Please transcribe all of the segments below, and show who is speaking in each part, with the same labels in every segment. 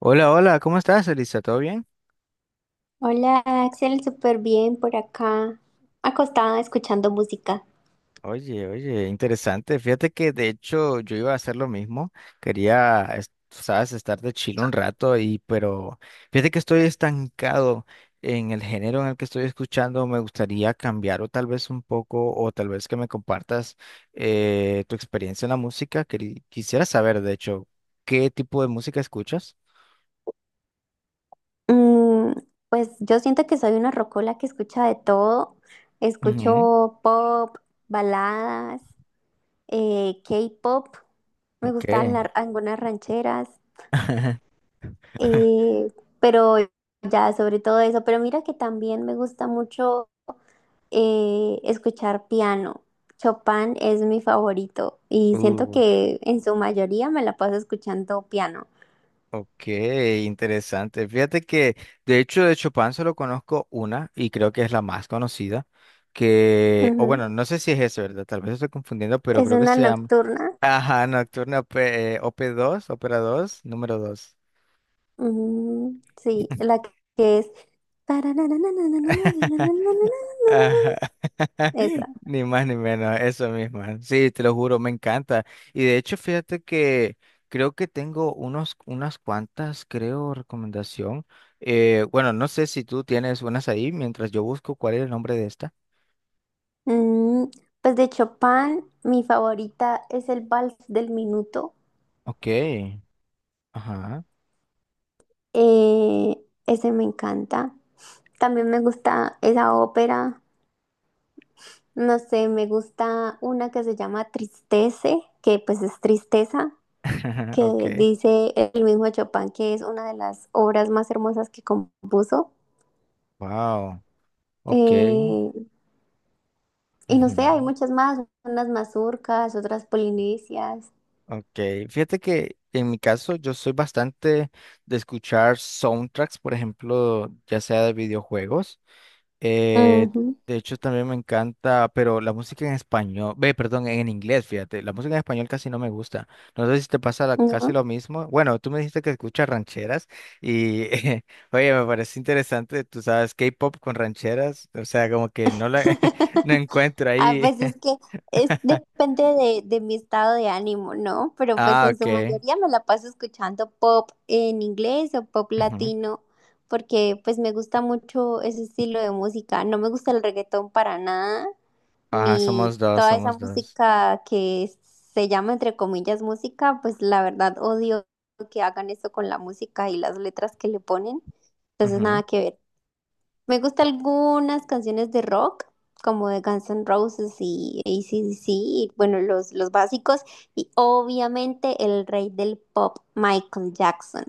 Speaker 1: Hola, hola, ¿cómo estás, Elisa? ¿Todo bien?
Speaker 2: Hola Axel, súper bien por acá, acostada escuchando música.
Speaker 1: Oye, oye, interesante. Fíjate que de hecho yo iba a hacer lo mismo. Quería, sabes, estar de chile un rato y, pero fíjate que estoy estancado en el género en el que estoy escuchando. Me gustaría cambiar o tal vez un poco, o tal vez que me compartas tu experiencia en la música. Quisiera saber, de hecho, qué tipo de música escuchas.
Speaker 2: Mm, pues yo siento que soy una rocola que escucha de todo.
Speaker 1: Ujú.
Speaker 2: Escucho pop, baladas, K-pop, me gustan
Speaker 1: Ok.
Speaker 2: algunas rancheras, eh, pero ya sobre todo eso. Pero mira que también me gusta mucho escuchar piano. Chopin es mi favorito y siento
Speaker 1: Uh,
Speaker 2: que en su mayoría me la paso escuchando piano.
Speaker 1: Ok, interesante. Fíjate que, de hecho, de Chopin solo conozco una y creo que es la más conocida, que, o
Speaker 2: Ujú.
Speaker 1: bueno, no sé si es esa, ¿verdad? Tal vez estoy confundiendo, pero
Speaker 2: Es
Speaker 1: creo que
Speaker 2: una
Speaker 1: se llama,
Speaker 2: nocturna.
Speaker 1: ajá, Nocturna Op., 2 Ópera dos, número 2.
Speaker 2: Mm, sí, la que es.
Speaker 1: Ajá.
Speaker 2: Esa.
Speaker 1: Ni más ni menos, eso mismo. Sí, te lo juro, me encanta. Y de hecho, fíjate que creo que tengo unas cuantas, creo, recomendación. Bueno, no sé si tú tienes unas ahí mientras yo busco cuál es el nombre de esta.
Speaker 2: Mm, pues de Chopin, mi favorita es el Vals del Minuto.
Speaker 1: Ok. Ajá.
Speaker 2: Eh, Ese me encanta. También me gusta esa ópera. No sé, me gusta una que se llama Tristece, que pues es tristeza,
Speaker 1: Ok.
Speaker 2: que dice el mismo Chopin que es una de las obras más hermosas que compuso.
Speaker 1: Wow. Ok.
Speaker 2: Eh, Y no
Speaker 1: Ujú.
Speaker 2: sé, hay muchas más, unas mazurcas, otras polinesias.
Speaker 1: Ok. Fíjate que en mi caso yo soy bastante de escuchar soundtracks, por ejemplo, ya sea de videojuegos. Eh,
Speaker 2: Ujú,
Speaker 1: de hecho, también me encanta, pero la música en español, ve, perdón, en inglés, fíjate, la música en español casi no me gusta. No sé si te pasa casi
Speaker 2: ¿no?
Speaker 1: lo mismo. Bueno, tú me dijiste que escuchas rancheras y, oye, me parece interesante, tú sabes, K-pop con rancheras, o sea, como que no la, no encuentro
Speaker 2: Ah,
Speaker 1: ahí.
Speaker 2: pues es que es, depende de mi estado de ánimo, ¿no? Pero pues
Speaker 1: Ah,
Speaker 2: en su
Speaker 1: ok.
Speaker 2: mayoría me la paso escuchando pop en inglés o pop
Speaker 1: Ujú.
Speaker 2: latino, porque pues me gusta mucho ese estilo de música. No me gusta el reggaetón para nada,
Speaker 1: Ajá,
Speaker 2: ni
Speaker 1: somos dos,
Speaker 2: toda esa
Speaker 1: somos dos.
Speaker 2: música que se llama entre comillas música, pues la verdad odio que hagan eso con la música y las letras que le ponen. Entonces nada que ver. Me gustan algunas canciones de rock, como de Guns N' Roses y AC/DC, y bueno, los básicos, y obviamente el rey del pop, Michael Jackson.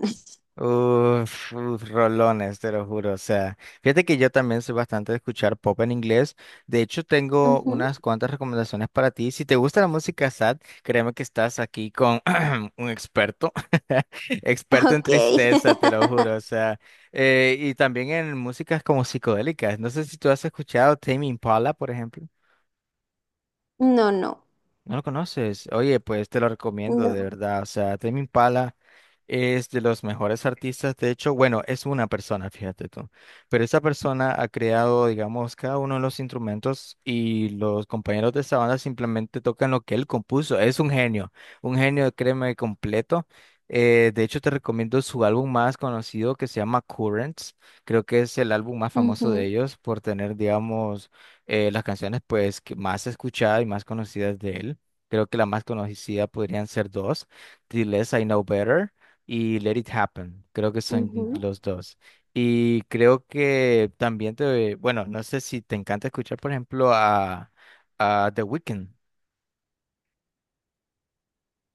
Speaker 1: Uf, uf, rolones, te lo juro. O sea, fíjate que yo también soy bastante de escuchar pop en inglés. De hecho, tengo
Speaker 2: Ujú.
Speaker 1: unas cuantas recomendaciones para ti. Si te gusta la música sad, créeme que estás aquí con un experto, experto en
Speaker 2: Ok.
Speaker 1: tristeza, te lo juro. O sea, y también en músicas como psicodélicas. No sé si tú has escuchado Tame Impala, por ejemplo.
Speaker 2: No, no,
Speaker 1: ¿No lo conoces? Oye, pues te lo recomiendo, de
Speaker 2: no.
Speaker 1: verdad. O sea, Tame Impala es de los mejores artistas. De hecho, bueno, es una persona, fíjate tú. Pero esa persona ha creado, digamos, cada uno de los instrumentos y los compañeros de esa banda simplemente tocan lo que él compuso. Es un genio, créeme, completo. De hecho, te recomiendo su álbum más conocido que se llama Currents. Creo que es el álbum más famoso de
Speaker 2: Ujú,
Speaker 1: ellos por tener, digamos, las canciones pues que más escuchadas y más conocidas de él. Creo que la más conocida podrían ser dos, The Less I Know Better y Let It Happen. Creo que son
Speaker 2: ujú.
Speaker 1: los dos. Y creo que también te, bueno, no sé si te encanta escuchar, por ejemplo, a The Weeknd.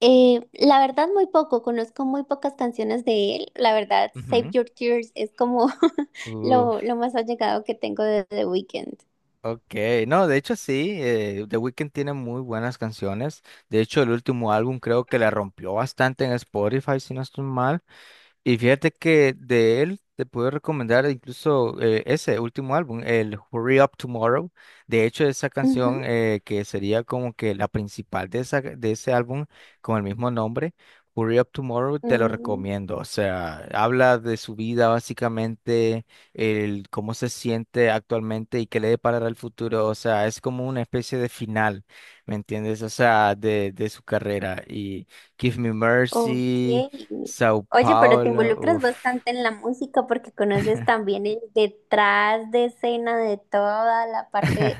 Speaker 2: La verdad, muy poco, conozco muy pocas canciones de él. La verdad, Save
Speaker 1: Ujú.
Speaker 2: Your Tears es como
Speaker 1: Uf,
Speaker 2: lo más allegado que tengo de The Weeknd.
Speaker 1: ok, no, de hecho sí, The Weeknd tiene muy buenas canciones. De hecho, el último álbum creo que la rompió bastante en Spotify, si no estoy mal. Y fíjate que de él te puedo recomendar incluso ese último álbum, el Hurry Up Tomorrow. De hecho, esa
Speaker 2: Ujú.
Speaker 1: canción que sería como que la principal de, esa, de ese álbum con el mismo nombre, Hurry Up Tomorrow, te lo
Speaker 2: Mm,
Speaker 1: recomiendo. O sea, habla de su vida básicamente, el cómo se siente actualmente y qué le deparará el futuro. O sea, es como una especie de final, ¿me entiendes? O sea, de su carrera. Y Give Me
Speaker 2: ok.
Speaker 1: Mercy. Sao
Speaker 2: Oye, pero te
Speaker 1: Paulo,
Speaker 2: involucras
Speaker 1: uff.
Speaker 2: bastante en la música porque conoces también el detrás de escena de toda la parte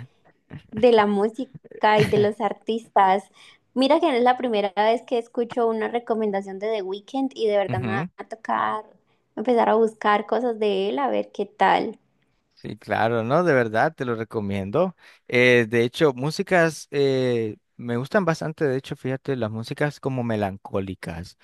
Speaker 2: de la música y de los artistas. Mira que no es la primera vez que escucho una recomendación de The Weeknd y de verdad me
Speaker 1: Ujú.
Speaker 2: va a tocar empezar a buscar cosas de él a ver qué tal.
Speaker 1: Sí, claro, ¿no? De verdad, te lo recomiendo. De hecho, músicas me gustan bastante, de hecho, fíjate, las músicas como melancólicas.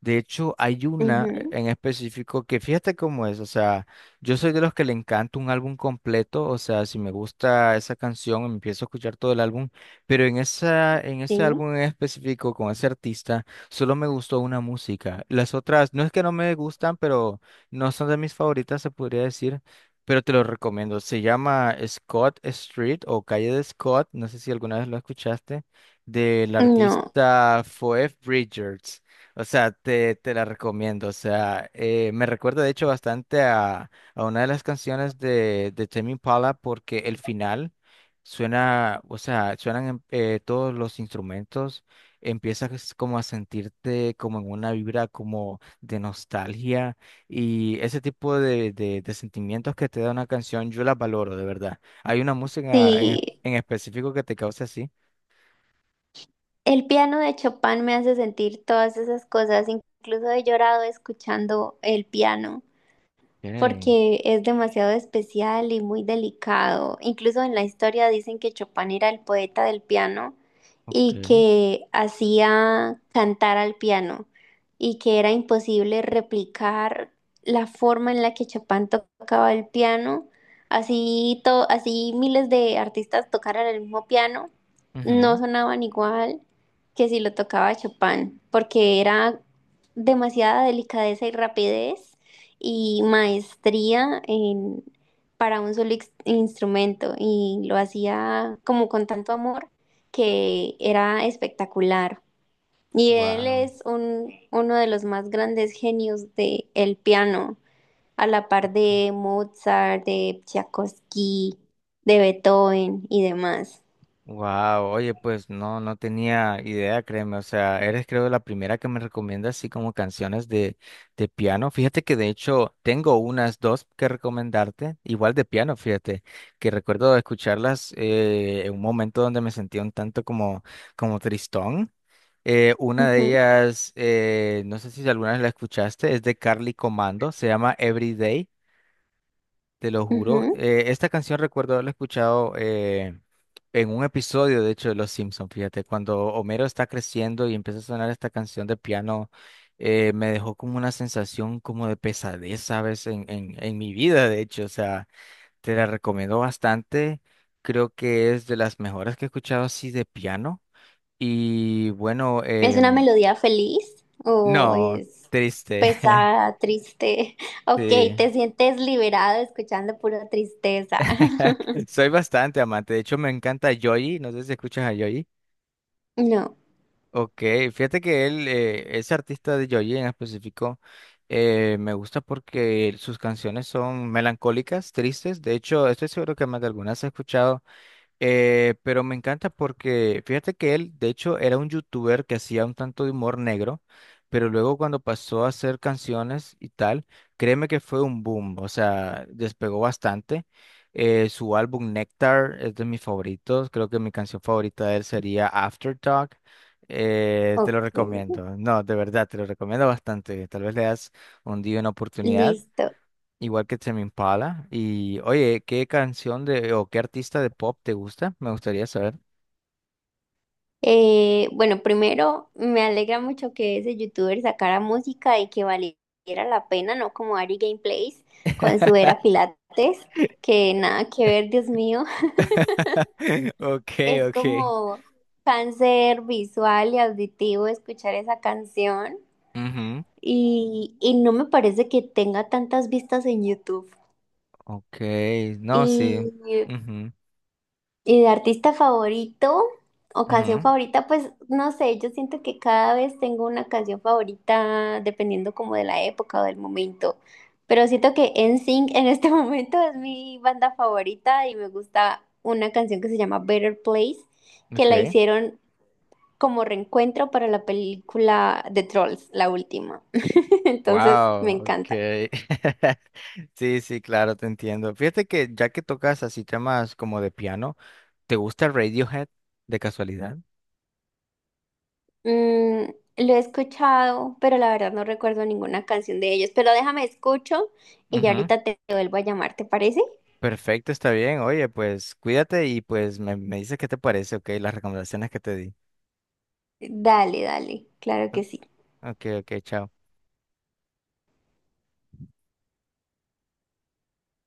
Speaker 1: De hecho, hay una
Speaker 2: Ujú,
Speaker 1: en específico que fíjate cómo es, o sea, yo soy de los que le encanta un álbum completo, o sea, si me gusta esa canción, empiezo a escuchar todo el álbum, pero en esa, en ese
Speaker 2: sí.
Speaker 1: álbum en específico con ese artista, solo me gustó una música. Las otras, no es que no me gustan, pero no son de mis favoritas, se podría decir, pero te lo recomiendo. Se llama Scott Street o Calle de Scott, no sé si alguna vez lo escuchaste, del
Speaker 2: No,
Speaker 1: artista Phoebe Bridgers. O sea, te la recomiendo. O sea, me recuerda de hecho bastante a una de las canciones de Tame Impala porque el final suena, o sea, suenan todos los instrumentos. Empiezas como a sentirte como en una vibra como de nostalgia y ese tipo de sentimientos que te da una canción, yo la valoro de verdad. ¿Hay una música
Speaker 2: sí.
Speaker 1: en específico que te cause así?
Speaker 2: El piano de Chopin me hace sentir todas esas cosas. Incluso he llorado escuchando el piano,
Speaker 1: Okay,
Speaker 2: porque es demasiado especial y muy delicado. Incluso en la historia dicen que Chopin era el poeta del piano y
Speaker 1: okay.
Speaker 2: que hacía cantar al piano y que era imposible replicar la forma en la que Chopin tocaba el piano. Así, así miles de artistas tocaran el mismo piano, no sonaban igual que si lo tocaba Chopin, porque era demasiada delicadeza y rapidez y maestría en, para un solo instrumento y lo hacía como con tanto amor que era espectacular. Y él
Speaker 1: Wow.
Speaker 2: es uno de los más grandes genios de el piano, a la par de Mozart, de Tchaikovsky, de Beethoven y demás.
Speaker 1: Wow, oye, pues no, no tenía idea, créeme. O sea, eres creo la primera que me recomienda así como canciones de piano. Fíjate que de hecho tengo unas dos que recomendarte, igual de piano, fíjate, que recuerdo escucharlas en un momento donde me sentía un tanto como, como tristón. Una de
Speaker 2: Ujú,
Speaker 1: ellas, no sé si alguna vez la escuchaste, es de Carly Comando, se llama Everyday. Te lo juro.
Speaker 2: ujú.
Speaker 1: Esta canción recuerdo haberla escuchado en un episodio, de hecho, de Los Simpsons. Fíjate, cuando Homero está creciendo y empieza a sonar esta canción de piano, me dejó como una sensación como de pesadez, ¿sabes? En mi vida, de hecho. O sea, te la recomiendo bastante. Creo que es de las mejores que he escuchado así de piano. Y bueno,
Speaker 2: ¿Es una melodía feliz o
Speaker 1: no,
Speaker 2: es
Speaker 1: triste.
Speaker 2: pesada, triste? Ok,
Speaker 1: Sí.
Speaker 2: te sientes liberado escuchando pura tristeza.
Speaker 1: Soy bastante amante. De hecho, me encanta Joy. No sé si escuchas a Joy.
Speaker 2: No,
Speaker 1: Ok, fíjate que él, ese artista de Joji en específico, me gusta porque sus canciones son melancólicas, tristes. De hecho, estoy seguro que más de algunas has escuchado. Pero me encanta porque fíjate que él, de hecho, era un youtuber que hacía un tanto de humor negro, pero luego cuando pasó a hacer canciones y tal, créeme que fue un boom, o sea, despegó bastante. Su álbum Nectar es de mis favoritos, creo que mi canción favorita de él sería Aftertalk. Te lo
Speaker 2: ok,
Speaker 1: recomiendo, no, de verdad, te lo recomiendo bastante. Tal vez le das un día una oportunidad.
Speaker 2: listo.
Speaker 1: Igual que Tame Impala. Y oye, ¿qué canción de o qué artista de pop te gusta? Me gustaría saber.
Speaker 2: Bueno, primero me alegra mucho que ese youtuber sacara música y que valiera la pena, no como Ari Gameplays con su era Pilates, que nada que ver, Dios mío.
Speaker 1: Ok,
Speaker 2: Es
Speaker 1: ok.
Speaker 2: como cáncer visual y auditivo escuchar esa canción.
Speaker 1: Ujú.
Speaker 2: Y no me parece que tenga tantas vistas en YouTube.
Speaker 1: Ok, no, sí.
Speaker 2: Y,
Speaker 1: Ujú,
Speaker 2: y de artista favorito o canción
Speaker 1: ujú.
Speaker 2: favorita, pues no sé, yo siento que cada vez tengo una canción favorita dependiendo como de la época o del momento. Pero siento que NSYNC en este momento es mi banda favorita y me gusta una canción que se llama Better Place, que la
Speaker 1: Ok.
Speaker 2: hicieron como reencuentro para la película de Trolls, la última. Entonces me
Speaker 1: Wow,
Speaker 2: encanta.
Speaker 1: ok. Sí, sí, claro, te entiendo. Fíjate que ya que tocas así temas como de piano, ¿te gusta Radiohead de casualidad?
Speaker 2: Mm, lo he escuchado, pero la verdad no recuerdo ninguna canción de ellos. Pero déjame escucho y ya ahorita te vuelvo a llamar, ¿te parece?
Speaker 1: Perfecto, está bien. Oye, pues cuídate y pues me dices qué te parece, ok, las recomendaciones que te di.
Speaker 2: Dale, dale, claro que sí.
Speaker 1: Ok, ok, chao.